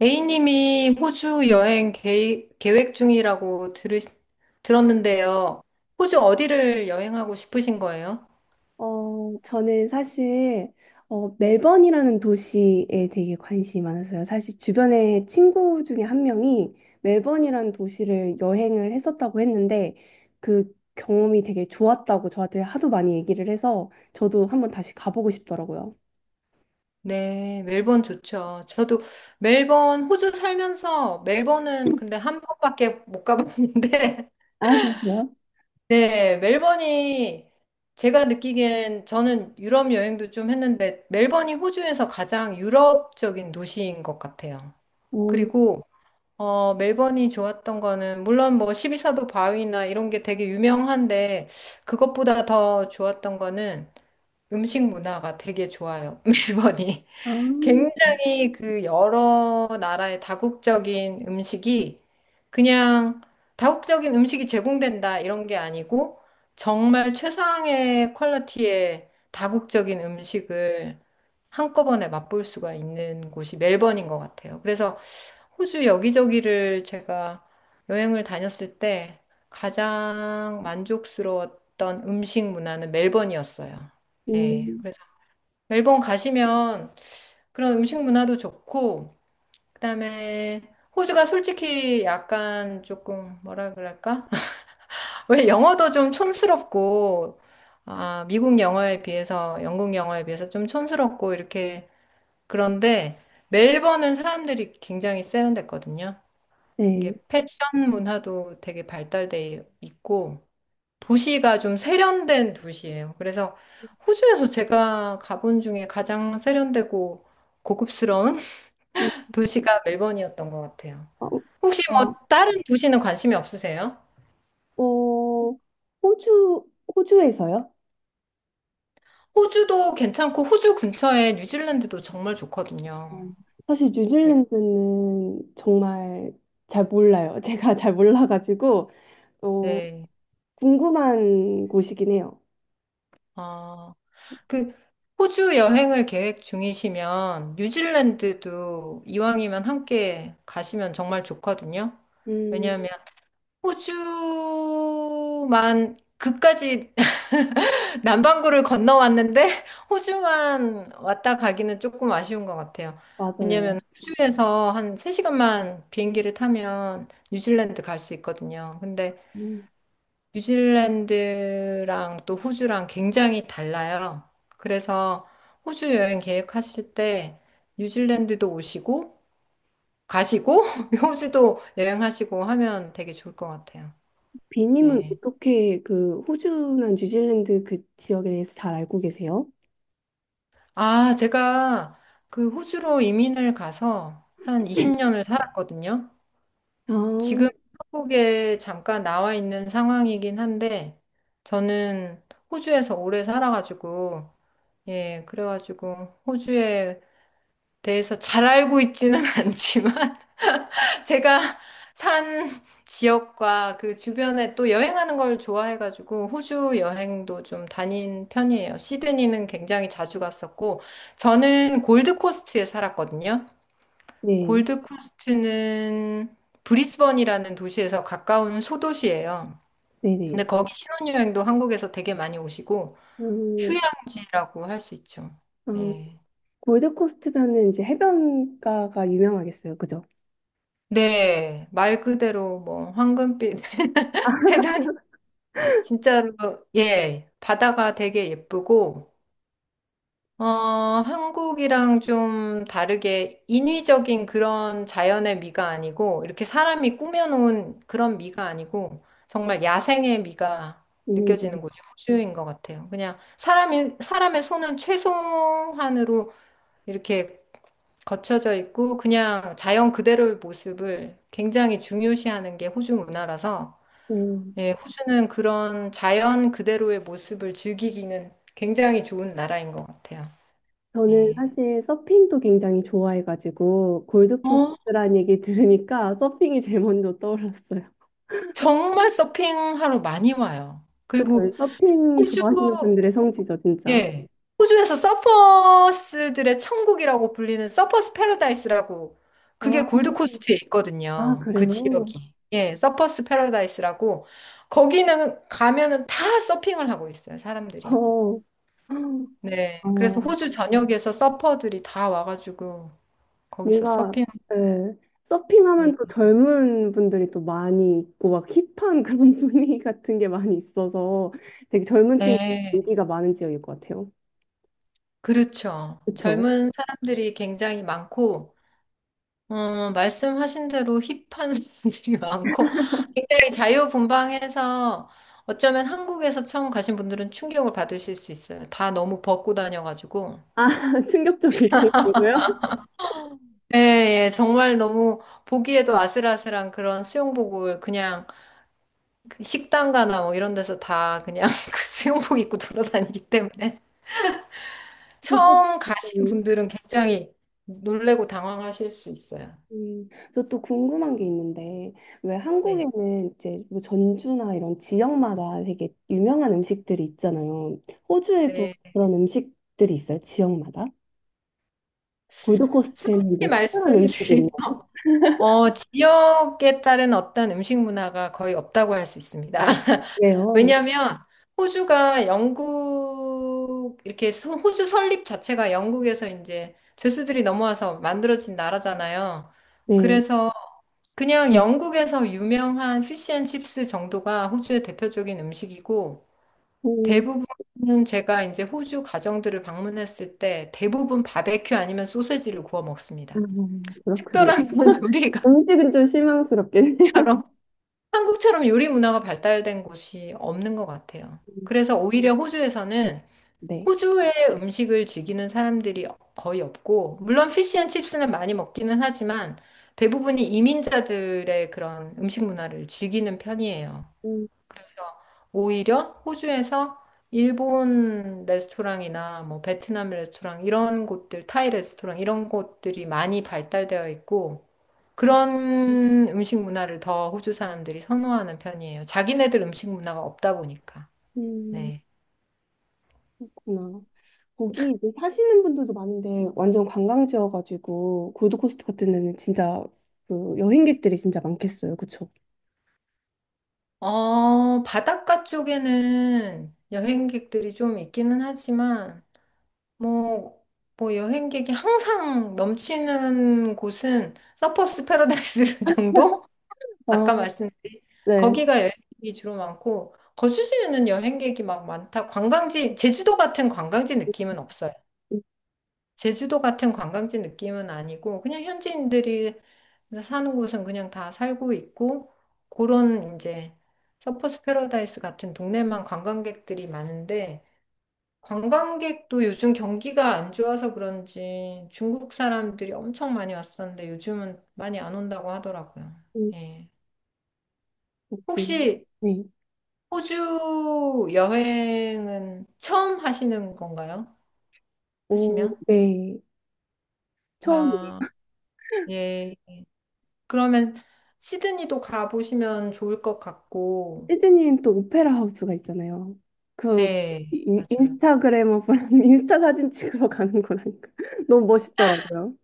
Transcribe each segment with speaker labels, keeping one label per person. Speaker 1: A님이 호주 여행 계획 중이라고 들었는데요. 호주 어디를 여행하고 싶으신 거예요?
Speaker 2: 저는 사실 멜번이라는 도시에 되게 관심이 많았어요. 사실 주변에 친구 중에 한 명이 멜번이라는 도시를 여행을 했었다고 했는데 그 경험이 되게 좋았다고 저한테 하도 많이 얘기를 해서 저도 한번 다시 가보고 싶더라고요.
Speaker 1: 네, 멜번 좋죠. 저도 멜번, 호주 살면서 멜번은 근데 한 번밖에 못 가봤는데,
Speaker 2: 아, 그러세요?
Speaker 1: 네, 멜번이 제가 느끼기엔 저는 유럽 여행도 좀 했는데, 멜번이 호주에서 가장 유럽적인 도시인 것 같아요.
Speaker 2: 어,
Speaker 1: 그리고 어, 멜번이 좋았던 거는, 물론 뭐 십이 사도 바위나 이런 게 되게 유명한데, 그것보다 더 좋았던 거는 음식 문화가 되게 좋아요, 멜번이.
Speaker 2: 아,
Speaker 1: 굉장히 그 여러 나라의 다국적인 음식이 그냥 다국적인 음식이 제공된다 이런 게 아니고, 정말 최상의 퀄리티의 다국적인 음식을 한꺼번에 맛볼 수가 있는 곳이 멜번인 것 같아요. 그래서 호주 여기저기를 제가 여행을 다녔을 때 가장 만족스러웠던 음식 문화는 멜번이었어요. 예.
Speaker 2: 음,
Speaker 1: 그래서 멜번 가시면 그런 음식 문화도 좋고, 그다음에 호주가 솔직히 약간 조금 뭐라 그럴까? 왜 영어도 좀 촌스럽고, 아, 미국 영어에 비해서, 영국 영어에 비해서 좀 촌스럽고, 이렇게. 그런데 멜번은 사람들이 굉장히 세련됐거든요.
Speaker 2: 네.
Speaker 1: 이게 패션 문화도 되게 발달돼 있고 도시가 좀 세련된 도시예요. 그래서 호주에서 제가 가본 중에 가장 세련되고 고급스러운 도시가 멜번이었던 것 같아요.
Speaker 2: 어,
Speaker 1: 혹시 뭐
Speaker 2: 어,
Speaker 1: 다른 도시는 관심이 없으세요?
Speaker 2: 어, 호주, 호주에서요?
Speaker 1: 호주도 괜찮고 호주 근처에 뉴질랜드도 정말
Speaker 2: 어,
Speaker 1: 좋거든요.
Speaker 2: 사실
Speaker 1: 네.
Speaker 2: 뉴질랜드는 정말 잘 몰라요. 제가 잘 몰라가지고 어,
Speaker 1: 네.
Speaker 2: 궁금한 곳이긴 해요.
Speaker 1: 아, 그 호주 여행을 계획 중이시면 뉴질랜드도 이왕이면 함께 가시면 정말 좋거든요.
Speaker 2: 음,
Speaker 1: 왜냐하면 호주만 그까지 남반구를 건너왔는데 호주만 왔다 가기는 조금 아쉬운 것 같아요.
Speaker 2: 맞아요.
Speaker 1: 왜냐하면 호주에서 한 3시간만 비행기를 타면 뉴질랜드 갈 수 있거든요. 근데
Speaker 2: 음.
Speaker 1: 뉴질랜드랑 또 호주랑 굉장히 달라요. 그래서 호주 여행 계획하실 때 뉴질랜드도 오시고 가시고 호주도 여행하시고 하면 되게 좋을 것 같아요.
Speaker 2: 비님은
Speaker 1: 예.
Speaker 2: 어떻게 그 호주나 뉴질랜드 그 지역에 대해서 잘 알고 계세요?
Speaker 1: 아, 제가 그 호주로 이민을 가서 한 20년을 살았거든요.
Speaker 2: 아,
Speaker 1: 지금 한국에 잠깐 나와 있는 상황이긴 한데 저는 호주에서 오래 살아가지고 예, 그래가지고 호주에 대해서 잘 알고 있지는 않지만 제가 산 지역과 그 주변에 또 여행하는 걸 좋아해가지고 호주 여행도 좀 다닌 편이에요. 시드니는 굉장히 자주 갔었고 저는 골드코스트에 살았거든요.
Speaker 2: 네,
Speaker 1: 골드코스트는 브리스번이라는 도시에서 가까운 소도시예요.
Speaker 2: 네네.
Speaker 1: 근데 거기 신혼여행도 한국에서 되게 많이 오시고
Speaker 2: 음,
Speaker 1: 휴양지라고 할 수 있죠.
Speaker 2: 어,
Speaker 1: 예.
Speaker 2: 골드코스트면은 이제 해변가가 유명하겠어요, 그죠?
Speaker 1: 네, 말 그대로 뭐 황금빛 해변이 진짜로 예, 바다가 되게 예쁘고 어, 한국이랑 좀 다르게 인위적인 그런 자연의 미가 아니고 이렇게 사람이 꾸며놓은 그런 미가 아니고 정말 야생의 미가
Speaker 2: 음,
Speaker 1: 느껴지는 곳이 호주인 것 같아요. 그냥 사람이 사람의 손은 최소한으로 이렇게 거쳐져 있고 그냥 자연 그대로의 모습을 굉장히 중요시하는 게 호주 문화라서
Speaker 2: 네.
Speaker 1: 예, 호주는 그런 자연 그대로의 모습을 즐기기는 굉장히 좋은 나라인 것 같아요.
Speaker 2: 저는
Speaker 1: 예.
Speaker 2: 사실 서핑도 굉장히 좋아해가지고
Speaker 1: 어,
Speaker 2: 골드코스트란 얘기 들으니까 서핑이 제일 먼저 떠올랐어요.
Speaker 1: 정말 서핑하러 많이 와요.
Speaker 2: 그쵸?
Speaker 1: 그리고
Speaker 2: 서핑
Speaker 1: 호주
Speaker 2: 좋아하시는 분들의 성지죠, 진짜.
Speaker 1: 예. 호주에서 서퍼스들의 천국이라고 불리는 서퍼스 패러다이스라고
Speaker 2: 아,
Speaker 1: 그게 골드코스트에
Speaker 2: 아
Speaker 1: 있거든요. 그
Speaker 2: 그래요?
Speaker 1: 지역이. 예, 서퍼스 패러다이스라고 거기는 가면은 다 서핑을 하고 있어요, 사람들이.
Speaker 2: 어,
Speaker 1: 네.
Speaker 2: 아,
Speaker 1: 그래서 호주 전역에서 서퍼들이 다 와가지고 거기서
Speaker 2: 뭔가
Speaker 1: 서핑.
Speaker 2: 예,
Speaker 1: 네.
Speaker 2: 서핑하면 또 젊은 분들이 또 많이 있고 막 힙한 그런 분위기 같은 게 많이 있어서 되게 젊은 친구
Speaker 1: 네.
Speaker 2: 인기가 많은 지역일 것 같아요.
Speaker 1: 그렇죠.
Speaker 2: 그쵸?
Speaker 1: 젊은 사람들이 굉장히 많고 어, 말씀하신 대로 힙한 사람들이 많고 굉장히 자유분방해서 어쩌면 한국에서 처음 가신 분들은 충격을 받으실 수 있어요. 다 너무 벗고 다녀가지고.
Speaker 2: 아, 충격적일
Speaker 1: 예, 예, 정말 너무 보기에도 아슬아슬한 그런 수영복을 그냥 그 식당 가나 뭐 이런 데서 다 그냥 그 수영복 입고 돌아다니기 때문에 처음 가신
Speaker 2: 정도로요?
Speaker 1: 분들은 굉장히 놀래고 당황하실 수 있어요.
Speaker 2: 음, 저 또 궁금한 게 있는데, 왜
Speaker 1: 네.
Speaker 2: 한국에는 이제 뭐 전주나 이런 지역마다 되게 유명한 음식들이 있잖아요. 호주에도
Speaker 1: 네.
Speaker 2: 그런 음식들이 있어요, 지역마다? 골드코스트에는
Speaker 1: 솔직히
Speaker 2: 뭐 특별한 음식이
Speaker 1: 말씀드리면
Speaker 2: 있나?
Speaker 1: 어, 지역에 따른 어떤 음식 문화가 거의 없다고 할 수 있습니다.
Speaker 2: 아, 그래요?
Speaker 1: 왜냐하면 호주가 영국, 이렇게 호주 설립 자체가 영국에서 이제 죄수들이 넘어와서 만들어진 나라잖아요.
Speaker 2: 네.
Speaker 1: 그래서 그냥 영국에서 유명한 피시앤칩스 정도가 호주의 대표적인 음식이고
Speaker 2: 음,
Speaker 1: 대부분은 제가 이제 호주 가정들을 방문했을 때 대부분 바베큐 아니면 소세지를 구워
Speaker 2: 아,
Speaker 1: 먹습니다.
Speaker 2: 그렇군요.
Speaker 1: 특별한 건 요리가처럼
Speaker 2: 음식은 좀 실망스럽긴 해요.
Speaker 1: 한국처럼 요리 문화가 발달된 곳이 없는 것 같아요. 그래서 오히려 호주에서는
Speaker 2: 네.
Speaker 1: 호주의 음식을 즐기는 사람들이 거의 없고, 물론 피시앤칩스는 많이 먹기는 하지만 대부분이 이민자들의 그런 음식 문화를 즐기는 편이에요.
Speaker 2: 음,
Speaker 1: 그래서 오히려 호주에서 일본 레스토랑이나 뭐 베트남 레스토랑 이런 곳들, 타이 레스토랑 이런 곳들이 많이 발달되어 있고, 그런 음식 문화를 더 호주 사람들이 선호하는 편이에요. 자기네들 음식 문화가 없다 보니까.
Speaker 2: 음,
Speaker 1: 네.
Speaker 2: 그렇구나. 거기 이제 사시는 분들도 많은데 완전 관광지여가지고 골드코스트 같은 데는 진짜 그 여행객들이 진짜 많겠어요. 그쵸?
Speaker 1: 어, 바닷가 쪽에는 여행객들이 좀 있기는 하지만, 뭐, 뭐 여행객이 항상 넘치는 곳은 서퍼스 패러다이스 정도?
Speaker 2: 아,
Speaker 1: 아까 말씀드린
Speaker 2: 네.
Speaker 1: 거기가 여행객이 주로 많고, 거주지는 여행객이 막 많다. 관광지, 제주도 같은 관광지 느낌은 없어요.
Speaker 2: 음,
Speaker 1: 제주도 같은 관광지 느낌은 아니고 그냥 현지인들이 사는 곳은 그냥 다 살고 있고 그런 이제 서퍼스 패러다이스 같은 동네만 관광객들이 많은데 관광객도 요즘 경기가 안 좋아서 그런지 중국 사람들이 엄청 많이 왔었는데 요즘은 많이 안 온다고 하더라고요.
Speaker 2: 음,
Speaker 1: 예.
Speaker 2: 음.
Speaker 1: 혹시
Speaker 2: 네.
Speaker 1: 호주 여행은 처음 하시는 건가요?
Speaker 2: 오,
Speaker 1: 하시면?
Speaker 2: 네. 처음에.
Speaker 1: 아, 예, 그러면 시드니도 가보시면 좋을 것 같고,
Speaker 2: 시드니엔 또 오페라 하우스가 있잖아요. 그
Speaker 1: 네, 맞아요.
Speaker 2: 인스타그래머 분 인스타 사진 찍으러 가는 거라니까 너무 멋있더라고요.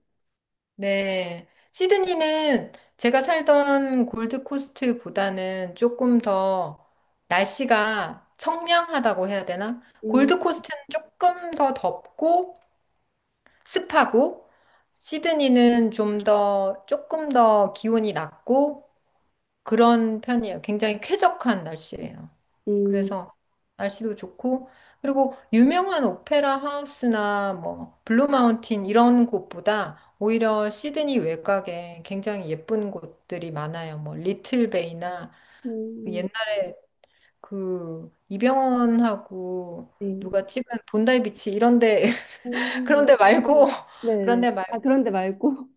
Speaker 1: 네. 시드니는 제가 살던 골드코스트보다는 조금 더 날씨가 청량하다고 해야 되나?
Speaker 2: 음,
Speaker 1: 골드코스트는 조금 더 덥고 습하고, 시드니는 좀 더, 조금 더 기온이 낮고, 그런 편이에요. 굉장히 쾌적한 날씨예요.
Speaker 2: 음,
Speaker 1: 그래서 날씨도 좋고 그리고 유명한 오페라 하우스나 뭐 블루 마운틴 이런 곳보다 오히려 시드니 외곽에 굉장히 예쁜 곳들이 많아요. 뭐 리틀 베이나 그
Speaker 2: 음,
Speaker 1: 옛날에 그 이병헌하고
Speaker 2: 네.
Speaker 1: 누가 찍은 본다이 비치 이런 데 그런
Speaker 2: 음,
Speaker 1: 데 말고 그런
Speaker 2: 네네.
Speaker 1: 데
Speaker 2: 아, 그런데 말고.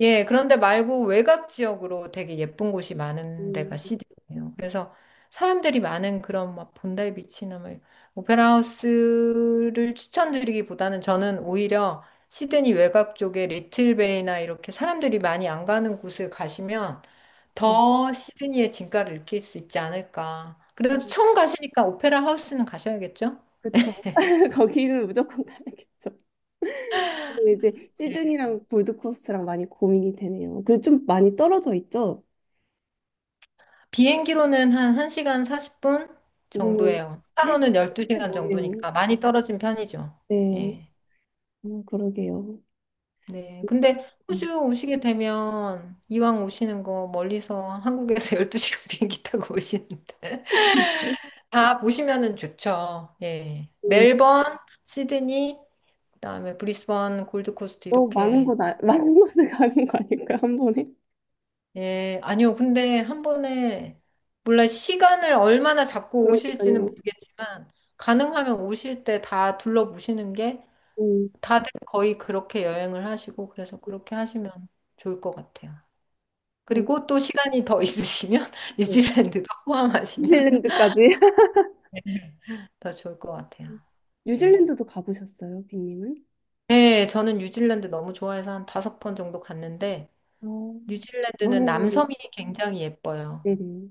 Speaker 1: 예, 그런데 말고 외곽 지역으로 되게 예쁜 곳이 많은 데가
Speaker 2: 음,
Speaker 1: 시드니예요. 그래서 사람들이 많은 그런 막 본다이 비치나 막 오페라 하우스를 추천드리기보다는 저는 오히려 시드니 외곽 쪽에 리틀베이나 이렇게 사람들이 많이 안 가는 곳을 가시면
Speaker 2: 네.
Speaker 1: 더 시드니의 진가를 느낄 수 있지 않을까. 그래도 처음 가시니까 오페라 하우스는 가셔야겠죠?
Speaker 2: 그쵸. 거기는 무조건 가야겠죠. 근데 이제
Speaker 1: 예.
Speaker 2: 시드니랑 골드코스트랑 많이 고민이 되네요. 그리고 좀 많이 떨어져 있죠?
Speaker 1: 비행기로는 한 1시간 40분
Speaker 2: 음,
Speaker 1: 정도예요. 차로는 12시간
Speaker 2: 뭐네요.
Speaker 1: 정도니까 많이 떨어진 편이죠.
Speaker 2: 네,
Speaker 1: 예.
Speaker 2: 그러게요.
Speaker 1: 네. 근데
Speaker 2: 음,
Speaker 1: 호주 오시게 되면 이왕 오시는 거 멀리서 한국에서 12시간 비행기 타고 오시는데 다 보시면은 좋죠. 예. 멜번, 시드니, 그다음에 브리스번, 골드코스트
Speaker 2: 너무 많은
Speaker 1: 이렇게
Speaker 2: 곳, 아- 많은 곳을 가는 거 아닐까, 한 번에?
Speaker 1: 예, 아니요. 근데 한 번에, 몰라, 시간을 얼마나 잡고 오실지는
Speaker 2: 그러니까요.
Speaker 1: 모르겠지만, 가능하면 오실 때 다 둘러보시는 게,
Speaker 2: 음,
Speaker 1: 다들 거의 그렇게 여행을 하시고, 그래서 그렇게 하시면 좋을 것 같아요.
Speaker 2: 음,
Speaker 1: 그리고 또 시간이 더 있으시면,
Speaker 2: 네.
Speaker 1: 뉴질랜드도 포함하시면
Speaker 2: 뉴질랜드까지.
Speaker 1: 더 좋을 것 같아요. 예.
Speaker 2: 뉴질랜드도 가보셨어요, 빈님은?
Speaker 1: 네, 저는 뉴질랜드 너무 좋아해서 한 다섯 번 정도 갔는데,
Speaker 2: 아,
Speaker 1: 뉴질랜드는
Speaker 2: 여행으로.
Speaker 1: 남섬이 굉장히 예뻐요.
Speaker 2: 네네.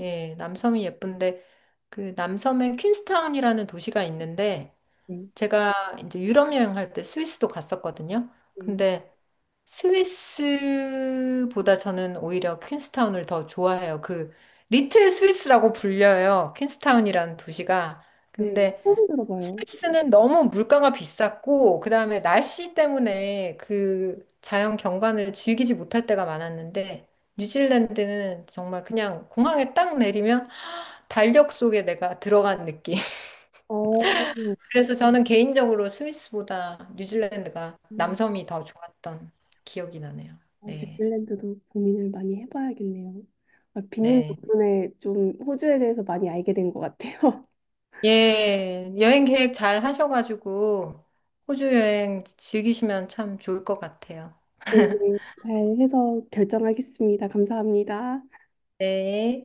Speaker 1: 예, 남섬이 예쁜데 그 남섬에 퀸스타운이라는 도시가 있는데
Speaker 2: 네,
Speaker 1: 제가 이제 유럽 여행할 때 스위스도 갔었거든요.
Speaker 2: 네.
Speaker 1: 근데 스위스보다 저는 오히려 퀸스타운을 더 좋아해요. 그 리틀 스위스라고 불려요. 퀸스타운이라는 도시가.
Speaker 2: 네,
Speaker 1: 근데
Speaker 2: 처음 들어봐요.
Speaker 1: 스위스는 너무 물가가 비쌌고 그다음에 날씨 때문에 그 자연 경관을 즐기지 못할 때가 많았는데 뉴질랜드는 정말 그냥 공항에 딱 내리면 달력 속에 내가 들어간 느낌.
Speaker 2: 어,
Speaker 1: 그래서 저는 개인적으로 스위스보다 뉴질랜드가 남섬이 더 좋았던 기억이 나네요. 네.
Speaker 2: 뉴질랜드도 고민을 많이 해봐야겠네요. 아, 빈님
Speaker 1: 네.
Speaker 2: 덕분에 좀 호주에 대해서 많이 알게 된 것 같아요.
Speaker 1: 예. 여행 계획 잘 하셔가지고 호주 여행 즐기시면 참 좋을 것 같아요.
Speaker 2: 네, 잘 해서 결정하겠습니다. 감사합니다.
Speaker 1: 네.